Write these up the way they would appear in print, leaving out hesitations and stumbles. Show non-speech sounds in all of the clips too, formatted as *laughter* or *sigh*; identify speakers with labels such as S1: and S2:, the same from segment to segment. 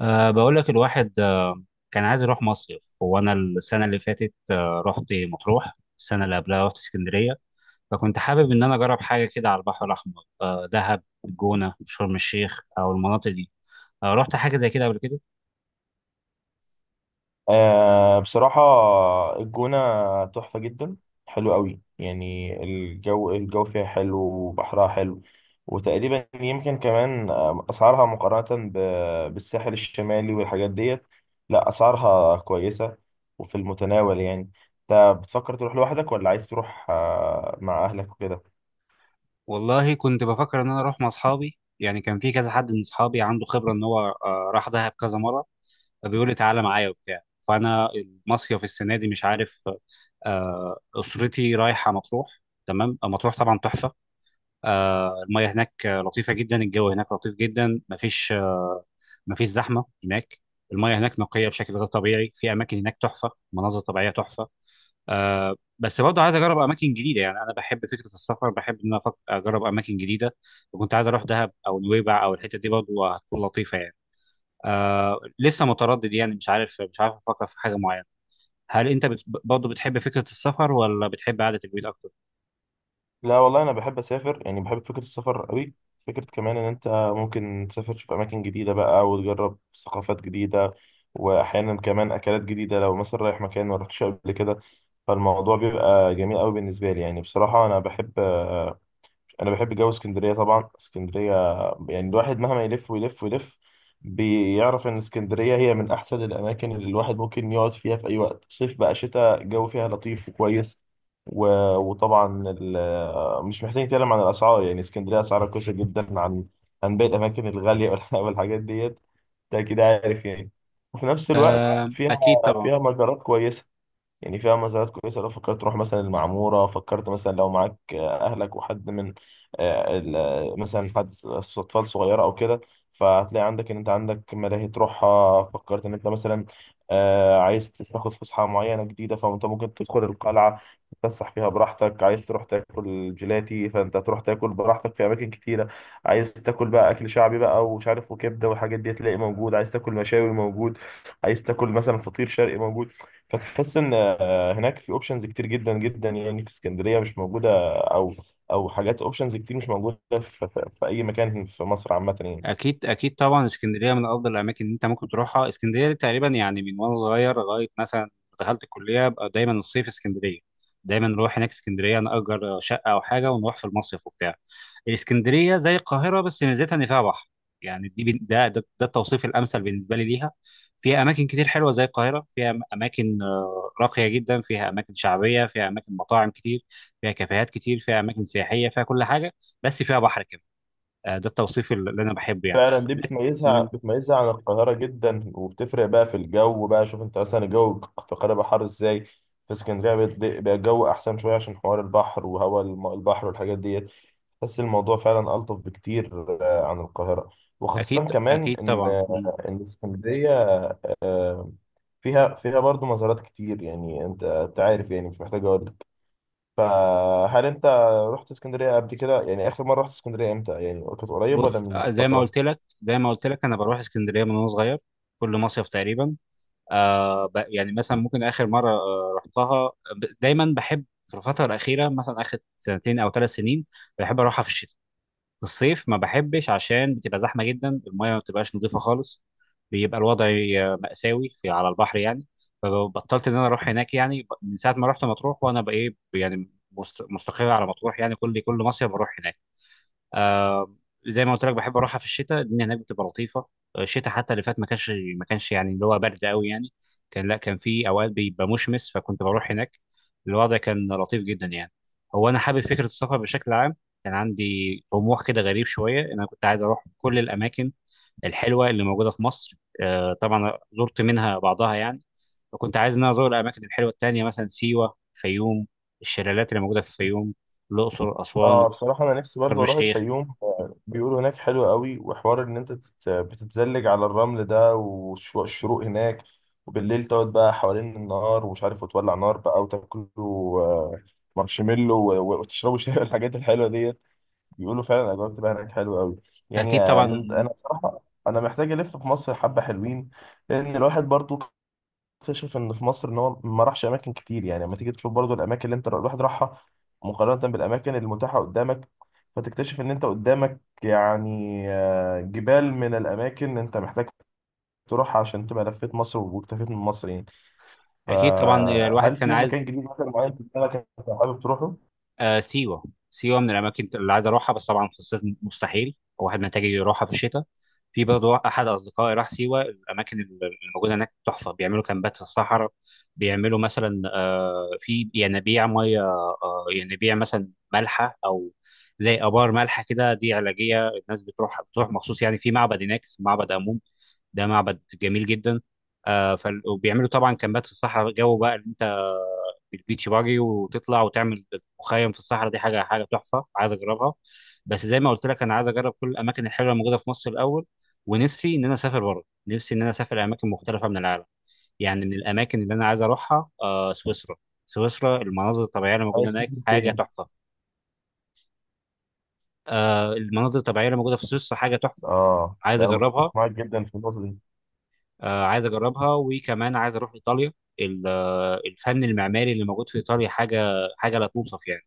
S1: بقول لك الواحد. كان عايز يروح مصيف. هو أنا السنة اللي فاتت رحت مطروح. السنة اللي قبلها رحت اسكندرية، فكنت حابب إن أنا أجرب حاجة كده على البحر الأحمر، دهب، الجونة، شرم الشيخ أو المناطق دي. رحت حاجة زي كده قبل كده؟
S2: آه، بصراحة الجونة تحفة جدا. حلو قوي يعني الجو فيها حلو وبحرها حلو. وتقريبا يمكن كمان أسعارها مقارنة بالساحل الشمالي والحاجات ديت. لا، أسعارها كويسة وفي المتناول يعني. أنت بتفكر تروح لوحدك ولا عايز تروح مع أهلك وكده؟
S1: والله كنت بفكر إن أنا أروح مع أصحابي، يعني كان في كذا حد من أصحابي عنده خبرة إن هو راح دهب كذا مرة، فبيقول لي تعالى معايا وبتاع. فأنا المصيف السنة دي مش عارف. أسرتي رايحة مطروح. تمام. مطروح طبعا تحفة. المياه هناك لطيفة جدا، الجو هناك لطيف جدا، مفيش زحمة هناك. المياه هناك نقية بشكل غير طبيعي، في أماكن هناك تحفة، مناظر طبيعية تحفة. بس برضه عايز أجرب أماكن جديدة، يعني أنا بحب فكرة السفر، بحب إن أنا أجرب أماكن جديدة. وكنت عايز أروح دهب أو نويبع أو الحتة دي برضه هتكون لطيفة يعني. لسه متردد يعني، مش عارف، أفكر في حاجة معينة. هل أنت برضه بتحب فكرة السفر ولا بتحب قعدة البيت أكتر؟
S2: لا والله، انا بحب اسافر يعني بحب فكره السفر قوي. فكره كمان ان انت ممكن تسافر تشوف اماكن جديده بقى وتجرب ثقافات جديده. واحيانا كمان اكلات جديده لو مثلا رايح مكان ما رحتش قبل كده. فالموضوع بيبقى جميل قوي بالنسبه لي. يعني بصراحه انا بحب جو اسكندريه. طبعا اسكندريه، يعني الواحد مهما يلف ويلف ويلف بيعرف ان اسكندريه هي من احسن الاماكن اللي الواحد ممكن يقعد فيها في اي وقت. صيف بقى شتاء، الجو فيها لطيف وكويس. و... وطبعا مش محتاج نتكلم عن الاسعار. يعني اسكندريه اسعارها كويسه جدا عن باقي الاماكن الغاليه *laughs* والحاجات ديت. ده كده عارف يعني. وفي نفس الوقت فيها
S1: أكيد طبعا.
S2: فيها مجارات كويسه، يعني فيها مزارات كويسة. لو فكرت تروح مثلا المعمورة، فكرت مثلا لو معاك أهلك وحد من مثلا أطفال صغيرة أو كده، فهتلاقي عندك إن أنت عندك ملاهي تروحها. فكرت إن أنت مثلا عايز تاخد فسحة معينة جديدة، فأنت ممكن تدخل القلعة تتفسح فيها براحتك. عايز تروح تاكل جيلاتي، فأنت تروح تاكل براحتك في أماكن كتيرة. عايز تاكل بقى أكل شعبي بقى، ومش عارف، وكبدة والحاجات دي تلاقي موجود. عايز تاكل مشاوي، موجود. عايز تاكل مثلا فطير شرقي، موجود. فتحس ان هناك في اوبشنز كتير جدا جدا، يعني في اسكندريه مش موجوده. او او حاجات اوبشنز كتير مش موجوده في اي مكان في مصر عامه يعني.
S1: اكيد اكيد طبعا، اسكندريه من افضل الاماكن اللي انت ممكن تروحها. اسكندريه دي تقريبا يعني من وانا صغير لغايه مثلا دخلت الكليه بقى دايما الصيف اسكندريه. دايما نروح هناك اسكندريه، نأجر شقه او حاجه ونروح في المصيف وبتاع. اسكندريه زي القاهره بس ميزتها ان فيها بحر. يعني دي ده التوصيف الامثل بالنسبه لي ليها. فيها اماكن كتير حلوه زي القاهره، فيها اماكن راقيه جدا، فيها اماكن شعبيه، فيها اماكن مطاعم كتير، فيها كافيهات كتير، فيها اماكن سياحيه، فيها كل حاجه بس فيها بحر. ده التوصيف اللي انا بحبه يعني.
S2: فعلا دي
S1: لك-
S2: بتميزها
S1: مم،
S2: بتميزها عن القاهره جدا، وبتفرق بقى في الجو بقى. شوف انت مثلا الجو في القاهره بقى حر ازاي، في اسكندريه بقى الجو احسن شويه عشان حوار البحر وهواء البحر والحاجات ديت. بس الموضوع فعلا الطف بكتير عن القاهره.
S1: اكيد
S2: وخاصه كمان
S1: اكيد
S2: ان
S1: طبعا. مم.
S2: آه، ان اسكندريه آه، فيها برضو مزارات كتير. يعني انت عارف يعني، مش محتاج اقول لك. فهل انت رحت اسكندريه قبل كده؟ يعني اخر مره رحت اسكندريه امتى؟ يعني كانت قريب ولا
S1: بص،
S2: من
S1: زي ما
S2: فتره؟
S1: قلت لك، انا بروح اسكندريه من وانا صغير كل مصيف تقريبا. يعني مثلا ممكن اخر مره رحتها، دايما بحب في الفتره الاخيره مثلا اخر سنتين او ثلاث سنين بحب اروحها في الشتاء. في الصيف ما بحبش عشان بتبقى زحمه جدا، المايه ما بتبقاش نظيفه خالص، بيبقى الوضع مأساوي في على البحر يعني. فبطلت ان انا اروح هناك يعني، من ساعه ما رحت مطروح وانا بقى ايه يعني مستقر على مطروح يعني. كل مصيف بروح هناك. آه زي ما قلت لك بحب اروحها في الشتاء، الدنيا هناك بتبقى لطيفه. الشتاء حتى اللي فات ما كانش، يعني اللي هو برد قوي يعني. لا، كان في اوقات بيبقى مشمس فكنت بروح هناك. الوضع كان لطيف جدا يعني. هو انا حابب فكره السفر بشكل عام. كان عندي طموح كده غريب شويه إن انا كنت عايز اروح كل الاماكن الحلوه اللي موجوده في مصر. طبعا زرت منها بعضها يعني. وكنت عايز ان انا ازور الاماكن الحلوه التانيه مثلا سيوه، فيوم، الشلالات اللي موجوده في الفيوم، الاقصر، اسوان،
S2: اه، بصراحه انا نفسي
S1: شرم
S2: برضو اروح
S1: الشيخ.
S2: الفيوم. بيقولوا هناك حلو قوي، وحوار ان انت بتتزلج على الرمل ده، والشروق هناك. وبالليل تقعد بقى حوالين النار، ومش عارف، وتولع نار بقى وتاكلوا مارشميلو وتشربوا شاي *laughs* الحاجات الحلوه دي. بيقولوا فعلا الاجواء بتبقى هناك حلوه قوي يعني.
S1: اكيد
S2: آه،
S1: طبعا.
S2: من انا بصراحه انا محتاج الف في مصر حبه حلوين. لان الواحد برضو اكتشف ان في مصر، ان هو ما راحش اماكن كتير. يعني لما تيجي تشوف برضو الاماكن اللي انت الواحد راحها مقارنه بالاماكن المتاحه قدامك، فتكتشف ان انت قدامك يعني جبال من الاماكن اللي انت محتاج تروحها عشان تبقى لفيت مصر واكتفيت من مصر يعني.
S1: اكيد طبعا الواحد
S2: فهل
S1: كان
S2: في
S1: عايز.
S2: مكان جديد مثلا معين في دماغك انت حابب تروحه؟
S1: آه، سيوه سيوه من الاماكن اللي عايز اروحها بس طبعا في الصيف مستحيل، الواحد محتاج يروحها في الشتاء. في برضه احد اصدقائي راح سيوه، الاماكن اللي موجوده هناك تحفه، بيعملوا كامبات في الصحراء، بيعملوا مثلا في ينابيع ميه، ينابيع مثلا مالحه او زي ابار مالحه كده، دي علاجيه، الناس بتروح، مخصوص يعني. في معبد هناك اسمه معبد امون، ده معبد جميل جدا. وبيعملوا طبعا كامبات في الصحراء، جو بقى اللي انت بالبيتش باجي وتطلع وتعمل مخيم في الصحراء، دي حاجه حاجه تحفه عايز اجربها. بس زي ما قلت لك انا عايز اجرب كل الاماكن الحلوه الموجوده في مصر الاول، ونفسي ان انا اسافر بره، نفسي ان انا اسافر اماكن مختلفه من العالم يعني. من الاماكن اللي انا عايز اروحها سويسرا. سويسرا المناظر الطبيعيه اللي موجوده
S2: عايز تروح
S1: هناك حاجه
S2: فين؟
S1: تحفه. المناظر الطبيعيه اللي موجوده في سويسرا حاجه تحفه،
S2: اه،
S1: عايز
S2: ده انا متفق
S1: اجربها.
S2: معاك جدا في النقطه دي.
S1: عايز اجربها، وكمان عايز اروح ايطاليا. الفن المعماري اللي موجود في ايطاليا حاجه، لا توصف يعني.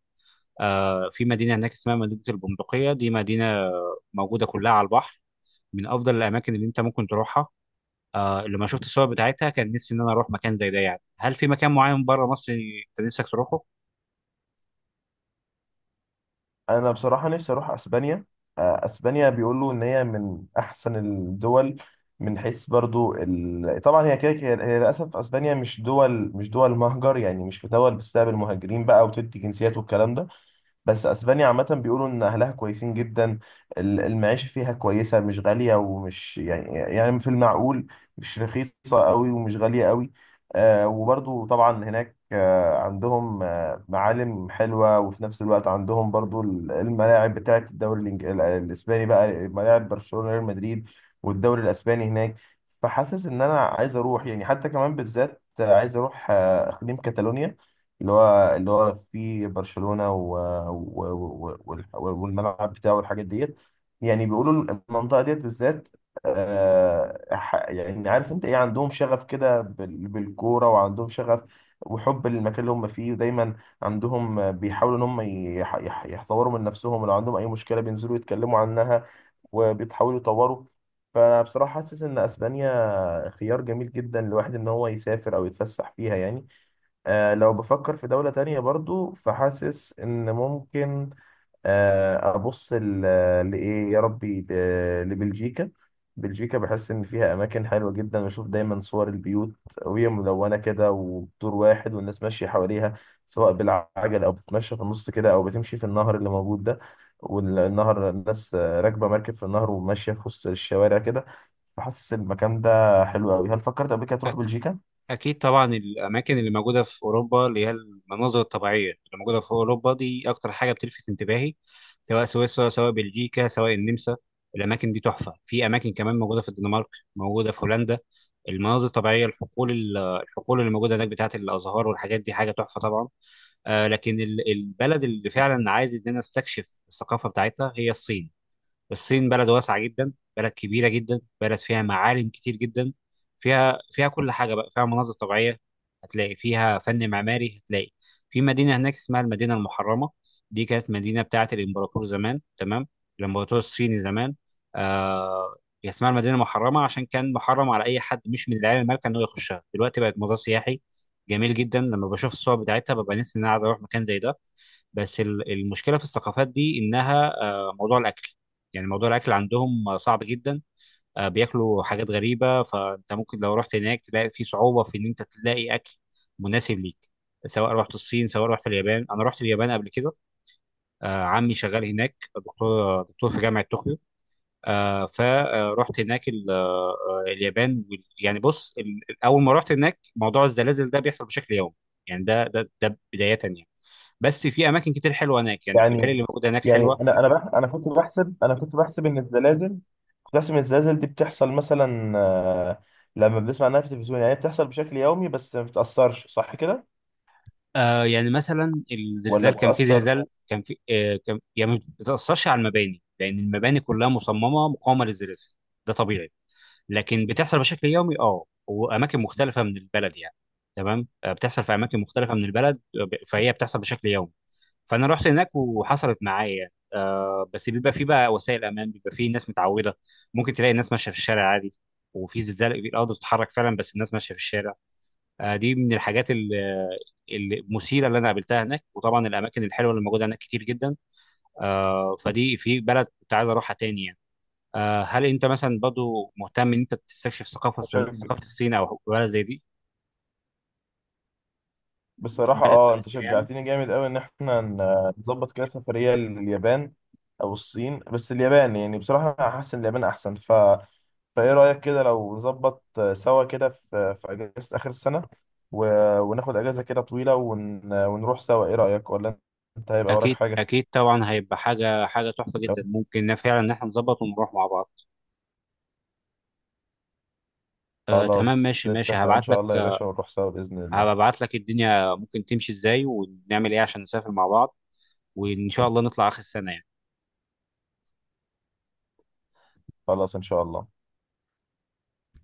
S1: في مدينه هناك اسمها مدينه البندقيه، دي مدينه موجوده كلها على البحر، من افضل الاماكن اللي انت ممكن تروحها. لما شفت الصور بتاعتها كان نفسي ان انا اروح مكان زي ده يعني. هل في مكان معين بره مصر انت نفسك تروحه؟
S2: انا بصراحه نفسي اروح اسبانيا. اسبانيا بيقولوا ان هي من احسن الدول، من حيث برضو طبعا هي كده، هي للاسف اسبانيا مش دول مهجر. يعني مش في دول بتستقبل مهاجرين بقى وتدي جنسيات والكلام ده. بس اسبانيا عامه بيقولوا ان اهلها كويسين جدا. المعيشه فيها كويسه، مش غاليه ومش يعني في المعقول. مش رخيصه قوي ومش غاليه قوي. وبرضو طبعا هناك عندهم معالم حلوه، وفي نفس الوقت عندهم برضو الملاعب بتاعه الدوري الاسباني بقى، ملاعب برشلونه، ريال مدريد، والدوري الاسباني هناك. فحاسس ان انا عايز اروح، يعني حتى كمان بالذات عايز اروح اقليم كاتالونيا، اللي هو في برشلونة والملعب بتاعه والحاجات ديت. يعني بيقولوا المنطقة ديت بالذات، يعني عارف انت ايه، عندهم شغف كده بالكورة، وعندهم شغف وحب للمكان اللي هم فيه. ودايما عندهم بيحاولوا ان هم يحتوروا من نفسهم، لو عندهم اي مشكلة بينزلوا يتكلموا عنها وبيتحاولوا يطوروا. فبصراحة حاسس ان اسبانيا خيار جميل جدا لواحد ان هو يسافر او يتفسح فيها يعني. لو بفكر في دولة تانية برضو، فحاسس إن ممكن أبص لإيه يا ربي، لبلجيكا. بلجيكا بحس إن فيها أماكن حلوة جدا. بشوف دايما صور البيوت وهي ملونة كده ودور واحد، والناس ماشية حواليها، سواء بالعجل أو بتتمشى في النص كده، أو بتمشي في النهر اللي موجود ده. والنهر الناس راكبة مركب في النهر وماشية في وسط الشوارع كده. فحاسس المكان ده حلو أوي. هل فكرت قبل كده تروح بلجيكا؟
S1: أكيد طبعا. الأماكن اللي موجودة في أوروبا، اللي هي المناظر الطبيعية اللي موجودة في أوروبا دي أكتر حاجة بتلفت انتباهي، سواء سويسرا، سواء بلجيكا، سواء النمسا. الأماكن دي تحفة. في أماكن كمان موجودة في الدنمارك، موجودة في هولندا. المناظر الطبيعية، الحقول، الحقول اللي موجودة هناك بتاعة الأزهار والحاجات دي حاجة تحفة طبعا. لكن البلد اللي فعلا عايز إن أنا أستكشف الثقافة بتاعتها هي الصين. الصين بلد واسعة جدا، بلد كبيرة جدا، بلد فيها معالم كتير جدا، فيها، كل حاجة بقى، فيها مناظر طبيعية، هتلاقي فيها فن معماري. هتلاقي في مدينة هناك اسمها المدينة المحرمة، دي كانت مدينة بتاعة الإمبراطور زمان. تمام، الإمبراطور الصيني زمان. آه هي اسمها المدينة المحرمة عشان كان محرم على أي حد مش من العيال المالكة إنه يخشها، دلوقتي بقت مزار سياحي جميل جدا. لما بشوف الصور بتاعتها ببقى نفسي إن أنا عايز أروح مكان زي ده. بس المشكلة في الثقافات دي إنها موضوع الأكل. يعني موضوع الاكل عندهم صعب جدا. بياكلوا حاجات غريبه، فانت ممكن لو رحت هناك تلاقي في صعوبه في ان انت تلاقي اكل مناسب ليك. سواء رحت الصين سواء رحت اليابان. انا رحت اليابان قبل كده. عمي شغال هناك دكتور، دكتور في جامعه طوكيو. فرحت هناك اليابان يعني بص، اول ما رحت هناك موضوع الزلازل ده بيحصل بشكل يومي، يعني ده بدايه يعني. بس في اماكن كتير حلوه هناك يعني، الجبال
S2: يعني
S1: اللي موجوده هناك
S2: يعني
S1: حلوه.
S2: انا كنت بحسب ان الزلازل كنت بحسب ان الزلازل دي بتحصل مثلا لما بنسمع عنها في التلفزيون، يعني هي بتحصل بشكل يومي بس ما بتأثرش، صح كده؟
S1: يعني مثلا
S2: ولا
S1: الزلزال كان، في
S2: بتأثر؟
S1: زلزال كان في آه كان يعني ما بتأثرش على المباني لأن المباني كلها مصممة مقاومة للزلازل، ده طبيعي. لكن بتحصل بشكل يومي وأماكن مختلفة من البلد يعني. تمام، بتحصل في أماكن مختلفة من البلد. فهي بتحصل بشكل يومي. فأنا رحت هناك وحصلت معايا يعني، بس بيبقى في بقى وسائل أمان، بيبقى في ناس متعودة، ممكن تلاقي الناس ماشية في الشارع عادي وفي زلزال، الأرض بتتحرك فعلا بس الناس ماشية في الشارع. دي من الحاجات المثيره اللي انا قابلتها هناك، وطبعا الاماكن الحلوه اللي موجوده هناك كتير جدا. فدي في بلد كنت عايز اروحها تاني يعني. هل انت مثلا برضو مهتم ان انت تستكشف ثقافه، الصين او بلد زي دي؟
S2: بصراحة،
S1: بلد
S2: اه،
S1: في
S2: انت
S1: آسيا يعني.
S2: شجعتني جامد قوي ان احنا نظبط كده سفرية لليابان. او الصين، بس اليابان، يعني بصراحة انا حاسس ان اليابان احسن. فايه رأيك كده لو نظبط سوا كده في اجازة اخر السنة، و... وناخد اجازة كده طويلة ونروح سوا. ايه رأيك؟ ولا انت هيبقى وراك
S1: اكيد
S2: حاجة؟
S1: اكيد طبعا، هيبقى حاجه حاجه تحفه
S2: لو
S1: جدا، ممكن فعلا ان احنا نظبط ونروح مع بعض. تمام،
S2: خلاص
S1: ماشي ماشي.
S2: نتفق ان شاء الله يا باشا، ونروح سوا بإذن الله.
S1: هبعت لك الدنيا ممكن تمشي ازاي ونعمل ايه عشان نسافر مع بعض، وان شاء الله نطلع اخر السنه يعني.
S2: خلاص ان شاء الله.